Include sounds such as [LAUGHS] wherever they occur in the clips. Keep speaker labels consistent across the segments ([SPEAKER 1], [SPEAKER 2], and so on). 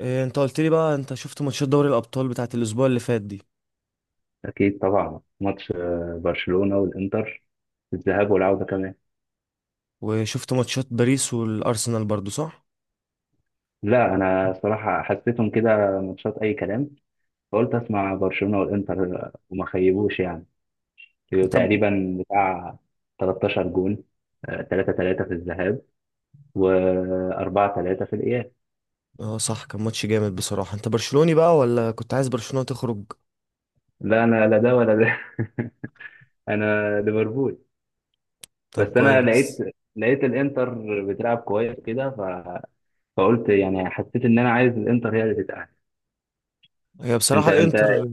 [SPEAKER 1] إيه، انت قلت لي بقى انت شفت ماتشات دوري الابطال بتاعت الاسبوع اللي فات دي.
[SPEAKER 2] أكيد طبعا، ماتش برشلونة والإنتر، الذهاب والعودة كمان.
[SPEAKER 1] وشفت ماتشات باريس والارسنال برضو صح.
[SPEAKER 2] لا، أنا صراحة حسيتهم كده ماتشات أي كلام. فقلت أسمع برشلونة والإنتر وما خيبوش يعني.
[SPEAKER 1] انت ب...
[SPEAKER 2] تقريبا بتاع 13 جون، 3-3 في الذهاب و4-3 في الإياب.
[SPEAKER 1] اه صح، كان ماتش جامد بصراحة. انت برشلوني بقى ولا كنت عايز برشلونة تخرج؟
[SPEAKER 2] لا، أنا لا ده ولا ده. [LAUGHS] أنا ليفربول. بس
[SPEAKER 1] طب
[SPEAKER 2] أنا لقيت
[SPEAKER 1] كويس.
[SPEAKER 2] لقيت الإنتر بتلعب كويس كده فقلت يعني حسيت إن أنا عايز الإنتر هي اللي تتأهل.
[SPEAKER 1] هي
[SPEAKER 2] انت
[SPEAKER 1] بصراحة
[SPEAKER 2] انت
[SPEAKER 1] الانتر.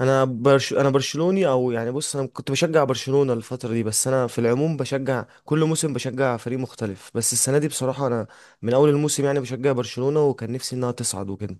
[SPEAKER 1] انا برشلوني او يعني بص، انا كنت بشجع برشلونة الفترة دي، بس انا في العموم بشجع كل موسم، بشجع فريق مختلف، بس السنة دي بصراحة انا من اول الموسم يعني بشجع برشلونة وكان نفسي انها تصعد وكده.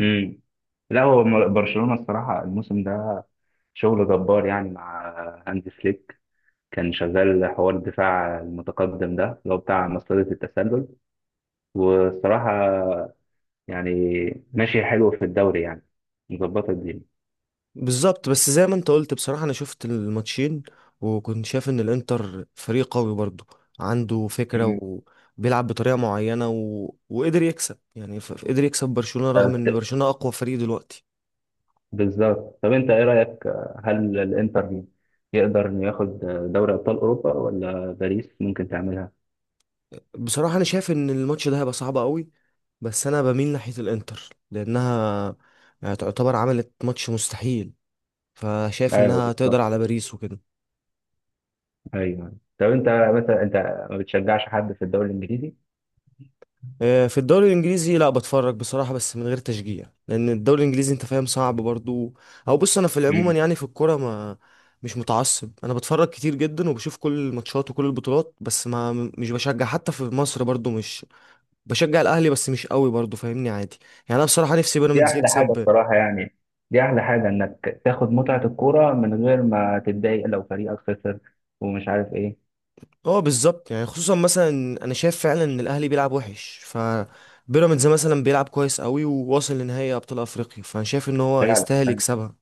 [SPEAKER 2] امم لا هو برشلونة الصراحة الموسم ده شغل جبار يعني مع هانز فليك. كان شغال حوار الدفاع المتقدم ده اللي هو بتاع مصيدة التسلل، والصراحة يعني ماشي حلو في الدوري يعني، مظبطة الدنيا.
[SPEAKER 1] بالظبط، بس زي ما انت قلت بصراحة انا شفت الماتشين وكنت شايف ان الانتر فريق قوي برضه، عنده فكرة
[SPEAKER 2] مم.
[SPEAKER 1] وبيلعب بطريقة معينة وقدر يكسب يعني، قدر يكسب برشلونة رغم ان
[SPEAKER 2] طب-
[SPEAKER 1] برشلونة اقوى فريق دلوقتي.
[SPEAKER 2] بالظبط، طب انت ايه رأيك؟ هل الانتر يقدر انه ياخد دوري ابطال اوروبا ولا باريس ممكن تعملها؟
[SPEAKER 1] بصراحة انا شايف ان الماتش ده هيبقى صعب قوي، بس انا بميل ناحية الانتر لانها يعني تعتبر عملت ماتش مستحيل، فشايف
[SPEAKER 2] ايوه
[SPEAKER 1] انها
[SPEAKER 2] بالظبط.
[SPEAKER 1] تقدر على باريس وكده.
[SPEAKER 2] ايوه، طب انت، مثلا انت ما بتشجعش حد في الدوري الانجليزي؟
[SPEAKER 1] آه، في الدوري الانجليزي لا بتفرج بصراحه بس من غير تشجيع، لان الدوري الانجليزي انت فاهم صعب برضو. او بص انا في العموم يعني في الكوره ما مش متعصب، انا بتفرج كتير جدا وبشوف كل الماتشات وكل البطولات، بس ما مش بشجع. حتى في مصر برضو، مش بشجع الاهلي بس مش قوي برضو، فاهمني عادي. يعني انا بصراحه نفسي
[SPEAKER 2] دي
[SPEAKER 1] بيراميدز
[SPEAKER 2] احلى حاجه
[SPEAKER 1] يكسب.
[SPEAKER 2] بصراحه يعني. دي احلى حاجه انك تاخد متعه الكوره من غير ما تتضايق لو فريقك خسر ومش عارف ايه.
[SPEAKER 1] اه بالظبط، يعني خصوصا مثلا انا شايف فعلا ان الاهلي بيلعب وحش، ف بيراميدز مثلا بيلعب كويس قوي وواصل لنهائي ابطال افريقيا، فانا شايف ان هو
[SPEAKER 2] فعلا
[SPEAKER 1] يستاهل
[SPEAKER 2] يعني.
[SPEAKER 1] يكسبها.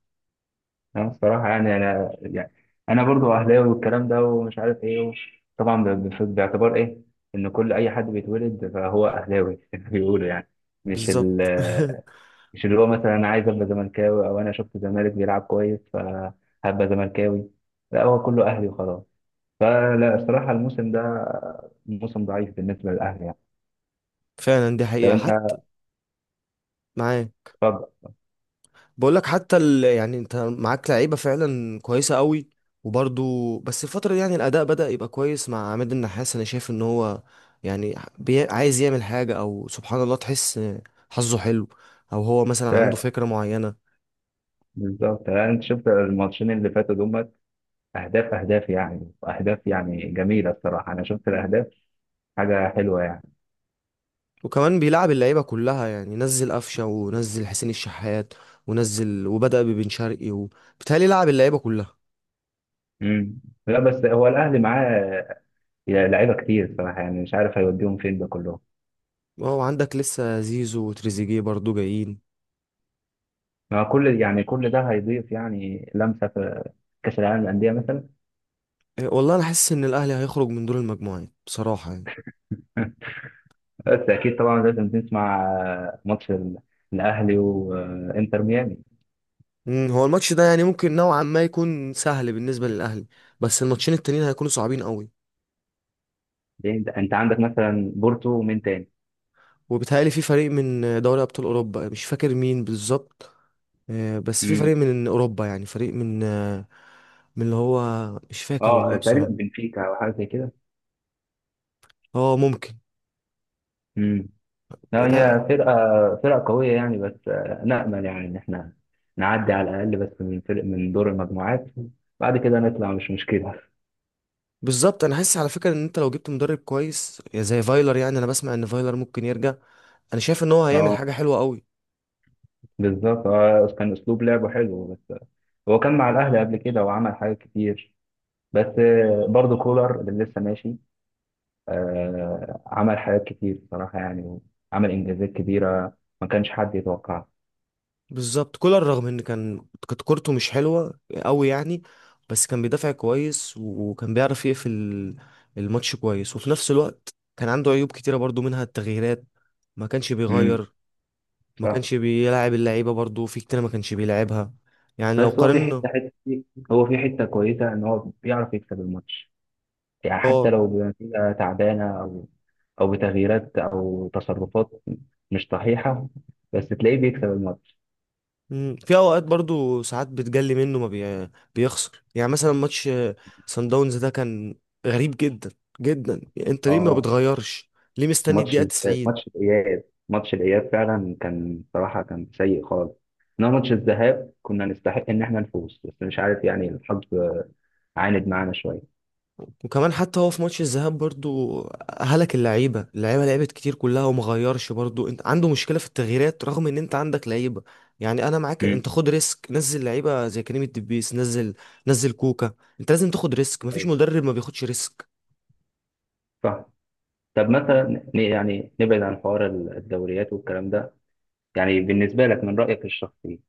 [SPEAKER 2] انا بصراحه يعني، انا يعني، انا برضو اهلاوي والكلام ده ومش عارف ايه. طبعا، باعتبار ايه، ان كل اي حد بيتولد فهو اهلاوي. [LAUGHS] بيقولوا يعني. مش ال
[SPEAKER 1] بالظبط. [LAUGHS]
[SPEAKER 2] مش اللي هو مثلا انا عايز ابقى زملكاوي او انا شفت الزمالك بيلعب كويس فهبقى زملكاوي. لا، هو كله اهلي وخلاص. فلا الصراحة الموسم ده موسم ضعيف بالنسبة للأهلي يعني.
[SPEAKER 1] فعلا دي
[SPEAKER 2] طب
[SPEAKER 1] حقيقة
[SPEAKER 2] أنت.
[SPEAKER 1] حتى. معاك.
[SPEAKER 2] اتفضل.
[SPEAKER 1] بقول لك يعني انت معاك لعيبة فعلا كويسة قوي، وبرضو بس الفترة دي يعني الأداء بدأ يبقى كويس مع عماد النحاس. أنا شايف إن هو يعني عايز يعمل حاجة، أو سبحان الله تحس حظه حلو، أو هو مثلا عنده
[SPEAKER 2] فعلا.
[SPEAKER 1] فكرة معينة.
[SPEAKER 2] بالظبط يعني، أنت شفت الماتشين اللي فاتوا دول، أهداف أهداف يعني أهداف يعني جميلة الصراحة. أنا شفت الأهداف، حاجة حلوة يعني.
[SPEAKER 1] وكمان بيلعب اللعيبة كلها يعني، نزل قفشة ونزل حسين الشحات، ونزل وبدأ ببن شرقي وبالتهيألي لعب اللعيبة كلها.
[SPEAKER 2] مم. لا بس هو الأهلي معاه لعيبة كتير الصراحة، يعني مش عارف هيوديهم فين ده كلهم.
[SPEAKER 1] وعندك لسه زيزو وتريزيجيه برضو جايين.
[SPEAKER 2] ما كل يعني، كل ده هيضيف يعني لمسة في كأس العالم للأندية مثلا.
[SPEAKER 1] إيه، والله انا حاسس ان الاهلي هيخرج من دور المجموعات بصراحه يعني.
[SPEAKER 2] بس أكيد طبعا لازم نسمع ماتش الأهلي وإنتر ميامي.
[SPEAKER 1] مم، هو الماتش ده يعني ممكن نوعا ما يكون سهل بالنسبه للاهلي، بس الماتشين التانيين هيكونوا صعبين قوي.
[SPEAKER 2] ليه انت عندك مثلا بورتو ومين تاني؟
[SPEAKER 1] وبيتهيألي في فريق من دوري ابطال اوروبا مش فاكر مين بالظبط. آه، بس في
[SPEAKER 2] امم
[SPEAKER 1] فريق من اوروبا، يعني فريق من آه، من اللي هو، مش فاكر
[SPEAKER 2] اه
[SPEAKER 1] والله
[SPEAKER 2] تقريبا
[SPEAKER 1] بصراحه.
[SPEAKER 2] بنفيكا او حاجه زي كده.
[SPEAKER 1] اه ممكن.
[SPEAKER 2] امم لا
[SPEAKER 1] يعني
[SPEAKER 2] هي فرقه قويه يعني، بس نامل يعني ان احنا نعدي على الاقل، بس من فرق من دور المجموعات، بعد كده نطلع مش مشكله.
[SPEAKER 1] بالظبط، انا حاسس على فكره ان انت لو جبت مدرب كويس زي فايلر، يعني انا بسمع ان فايلر ممكن يرجع، انا شايف ان هو هيعمل حاجه
[SPEAKER 2] اه
[SPEAKER 1] حلوه قوي.
[SPEAKER 2] بالظبط. اه كان اسلوب لعبه حلو بس هو كان مع الاهلي قبل كده وعمل حاجات كتير. بس برضه كولر اللي لسه ماشي عمل حاجات كتير بصراحه يعني. وعمل انجازات كبيره ما كانش حد يتوقعها.
[SPEAKER 1] بالظبط، كولر رغم ان كانت كورته مش حلوه قوي يعني، بس كان بيدافع كويس وكان بيعرف يقفل الماتش كويس، وفي نفس الوقت كان عنده عيوب كتيره برضو، منها التغييرات، ما كانش
[SPEAKER 2] مم.
[SPEAKER 1] بيغير، ما
[SPEAKER 2] صح.
[SPEAKER 1] كانش بيلعب اللعيبه برضو، في كتير ما كانش بيلعبها يعني لو
[SPEAKER 2] بس هو
[SPEAKER 1] قارنا.
[SPEAKER 2] في حته كويسه ان هو بيعرف يكسب الماتش، يعني حتى
[SPEAKER 1] اه.
[SPEAKER 2] لو بنتيجه تعبانه او بتغييرات او تصرفات مش صحيحه، بس تلاقيه بيكسب الماتش.
[SPEAKER 1] مم، في اوقات برضو ساعات بتجلي منه ما بي... بيخسر يعني، مثلا ماتش سان داونز ده كان غريب جدا جدا. انت ليه ما
[SPEAKER 2] اه.
[SPEAKER 1] بتغيرش؟ ليه مستني
[SPEAKER 2] ماتش
[SPEAKER 1] الدقيقه 90؟
[SPEAKER 2] ماتش الاياب ماتش الاياب فعلا كان صراحه كان سيء خالص. انما ماتش الذهاب كنا نستحق ان احنا نفوز، بس مش عارف يعني الحظ عاند معانا شويه.
[SPEAKER 1] وكمان حتى هو في ماتش الذهاب برضو هلك اللعيبه، لعبت كتير كلها وما غيرش برضو، انت عنده مشكله في التغييرات رغم ان انت عندك لعيبه، يعني انا معاك،
[SPEAKER 2] امم،
[SPEAKER 1] انت خد ريسك، نزل لعيبه زي كريم الدبيس، نزل كوكا. انت لازم تاخد ريسك، مفيش مدرب ما بياخدش ريسك.
[SPEAKER 2] صح. طب مثلا، يعني نبعد عن حوار الدوريات والكلام ده، يعني بالنسبة لك من رأيك الشخصي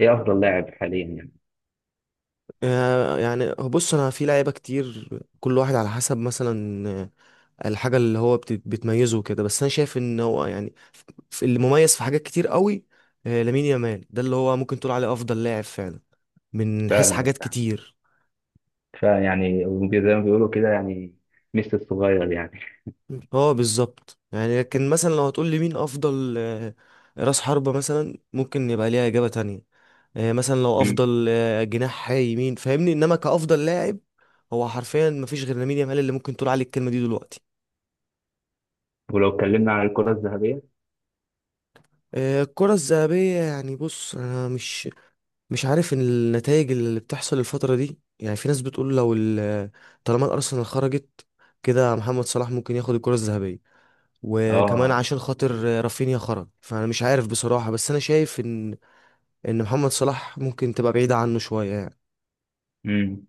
[SPEAKER 2] إيه أفضل لاعب حاليا يعني؟
[SPEAKER 1] آه، يعني بص انا في لعيبه كتير، كل واحد على حسب مثلا آه، الحاجه اللي هو بتميزه كده، بس انا شايف ان هو يعني اللي مميز في حاجات كتير قوي. آه، لامين يامال ده اللي هو ممكن تقول عليه افضل لاعب فعلا من حيث
[SPEAKER 2] فعلا.
[SPEAKER 1] حاجات كتير.
[SPEAKER 2] فيعني زي ما بيقولوا كده يعني، ميسي الصغير يعني.
[SPEAKER 1] اه بالظبط، يعني لكن مثلا لو هتقول لي مين افضل آه، راس حربة، مثلا ممكن يبقى ليها اجابة تانية. آه، مثلا لو
[SPEAKER 2] مم.
[SPEAKER 1] افضل آه، جناح يمين فاهمني، انما كافضل لاعب هو حرفيا مفيش غير لامين يامال اللي ممكن تقول عليه الكلمة دي دلوقتي.
[SPEAKER 2] ولو اتكلمنا عن الكرة الذهبية.
[SPEAKER 1] آه، الكرة الذهبية يعني بص انا مش عارف النتائج اللي بتحصل الفترة دي. يعني في ناس بتقول لو طالما الارسنال خرجت كده، محمد صلاح ممكن ياخد الكرة الذهبية، وكمان
[SPEAKER 2] آه.
[SPEAKER 1] عشان خاطر رافينيا خرج، فانا مش عارف بصراحة، بس انا شايف ان محمد صلاح ممكن تبقى بعيدة عنه شوية يعني.
[SPEAKER 2] امم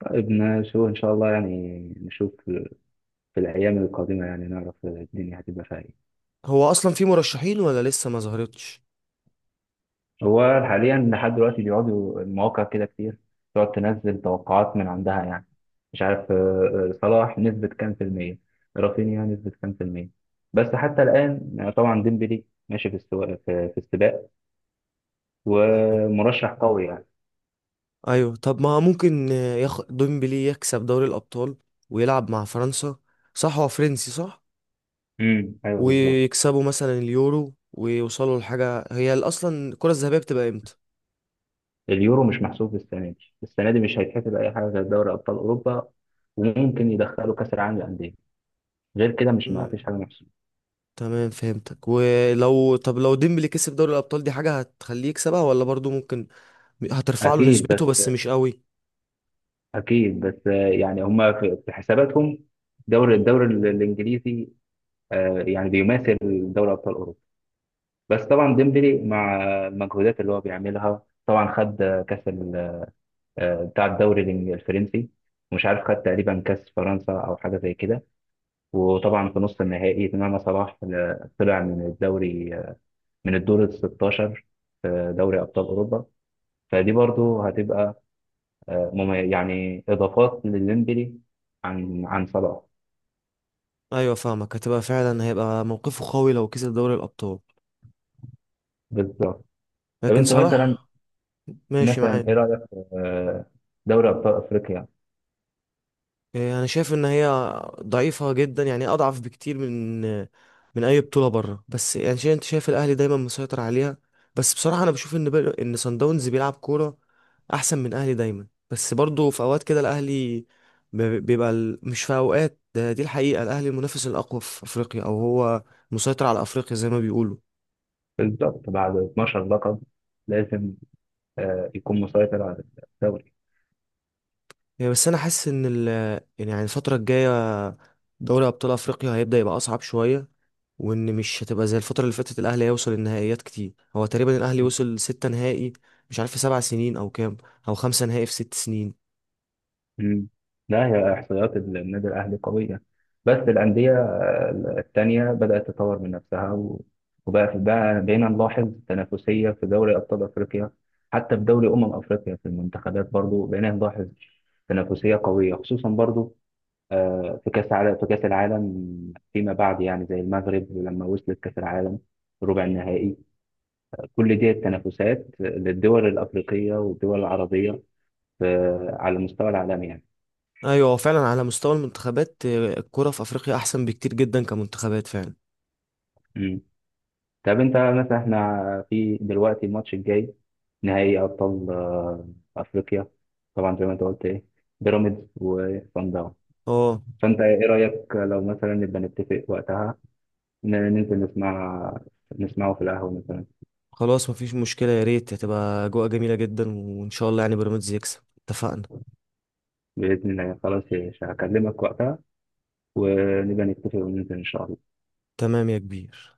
[SPEAKER 2] طيب نشوف إن شاء الله يعني، نشوف في الأيام القادمة يعني نعرف الدنيا هتبقى فيها إيه.
[SPEAKER 1] هو اصلا في مرشحين ولا لسه ما ظهرتش؟
[SPEAKER 2] هو حاليا لحد دلوقتي بيقعدوا المواقع كده كتير، تقعد تنزل توقعات من عندها يعني، مش عارف صلاح نسبة كام في المية، رافينيا نسبة كام في المية. بس حتى الآن طبعا ديمبلي ماشي في السواق في السباق،
[SPEAKER 1] ايوه.
[SPEAKER 2] ومرشح قوي يعني.
[SPEAKER 1] ايوه، طب ما ممكن ديمبلي يكسب دوري الابطال ويلعب مع فرنسا، صح هو فرنسي صح؟
[SPEAKER 2] امم، ايوه بالظبط.
[SPEAKER 1] ويكسبوا مثلا اليورو ويوصلوا لحاجة. هي اصلا الكرة الذهبية بتبقى امتى؟
[SPEAKER 2] اليورو مش محسوب السنة دي. السنة دي مش هيتحسب أي حاجة غير دوري أبطال أوروبا، وممكن يدخلوا كأس العالم للأندية. غير كده مش، ما
[SPEAKER 1] مم.
[SPEAKER 2] فيش حاجة محسوبة.
[SPEAKER 1] تمام فهمتك. ولو طب لو ديمبلي كسب دوري الابطال دي حاجة هتخليه يكسبها، ولا برضو ممكن هترفع له
[SPEAKER 2] أكيد.
[SPEAKER 1] نسبته بس مش قوي؟
[SPEAKER 2] بس يعني هم في حساباتهم، الدوري الانجليزي يعني بيماثل دوري ابطال اوروبا. بس طبعا ديمبلي مع المجهودات اللي هو بيعملها، طبعا خد كاس بتاع الدوري الفرنسي. مش عارف، خد تقريبا كاس فرنسا او حاجه زي كده. وطبعا في نص النهائي تمام. صلاح طلع من الدوري من الدور ال 16 في دوري ابطال اوروبا. فدي برضو هتبقى يعني اضافات لديمبلي عن صلاح.
[SPEAKER 1] ايوه فاهمك، هتبقى فعلا هيبقى موقفه قوي لو كسب دوري الابطال.
[SPEAKER 2] بالظبط. طب
[SPEAKER 1] لكن
[SPEAKER 2] انت مثلا
[SPEAKER 1] صلاح. ماشي
[SPEAKER 2] مثلا ايه
[SPEAKER 1] معاك.
[SPEAKER 2] رايك في دوري ابطال افريقيا؟
[SPEAKER 1] إيه، انا شايف ان هي ضعيفه جدا، يعني اضعف بكتير من من اي بطوله بره. بس يعني شايف، انت شايف الاهلي دايما مسيطر عليها، بس بصراحه انا بشوف ان ان صن داونز بيلعب كوره احسن من الاهلي دايما، بس برضه في اوقات كده الاهلي مش في اوقات ده، دي الحقيقه، الاهلي المنافس الاقوى في افريقيا، او هو مسيطر على افريقيا زي ما بيقولوا
[SPEAKER 2] بالظبط، بعد 12 لقب لازم يكون مسيطر على الدوري.
[SPEAKER 1] يعني. بس انا حاسس ان ال يعني يعني الفتره الجايه دوري ابطال افريقيا هيبدا يبقى اصعب شويه، وان مش هتبقى زي الفتره اللي فاتت. الاهلي هيوصل النهائيات كتير، هو تقريبا الاهلي وصل 6 نهائي، مش عارف في 7 سنين او كام، او 5 نهائي في 6 سنين.
[SPEAKER 2] مم. لا هي احصائيات النادي الاهلي قويه، بس الانديه التانيه بدات تطور من نفسها وبقى في بقى بقينا نلاحظ تنافسيه في دوري ابطال افريقيا. حتى في دوري افريقيا في المنتخبات برضو بقينا نلاحظ تنافسيه قويه، خصوصا برضو في كأس العالم فيما بعد يعني، زي المغرب لما وصلت كأس العالم ربع النهائي. كل دي التنافسات للدول الأفريقية والدول العربية على المستوى العالمي يعني.
[SPEAKER 1] ايوه هو فعلا على مستوى المنتخبات آه، الكره في افريقيا احسن بكتير جدا كمنتخبات فعلا.
[SPEAKER 2] مم. طب أنت مثلا، إحنا في دلوقتي الماتش الجاي نهائي أبطال أفريقيا. طبعا زي ما أنت قلت إيه، بيراميدز وصن داونز.
[SPEAKER 1] اه
[SPEAKER 2] فأنت إيه رأيك لو مثلا نبقى نتفق وقتها، ننزل نسمعه في القهوة مثلا؟
[SPEAKER 1] خلاص مفيش مشكله، يا ريت هتبقى اجواء جميله جدا، وان شاء الله يعني بيراميدز يكسب. اتفقنا.
[SPEAKER 2] بإذن الله. خلاص، مش هكلمك وقتها، ونبقى نتفق وننزل إن شاء الله.
[SPEAKER 1] تمام يا كبير.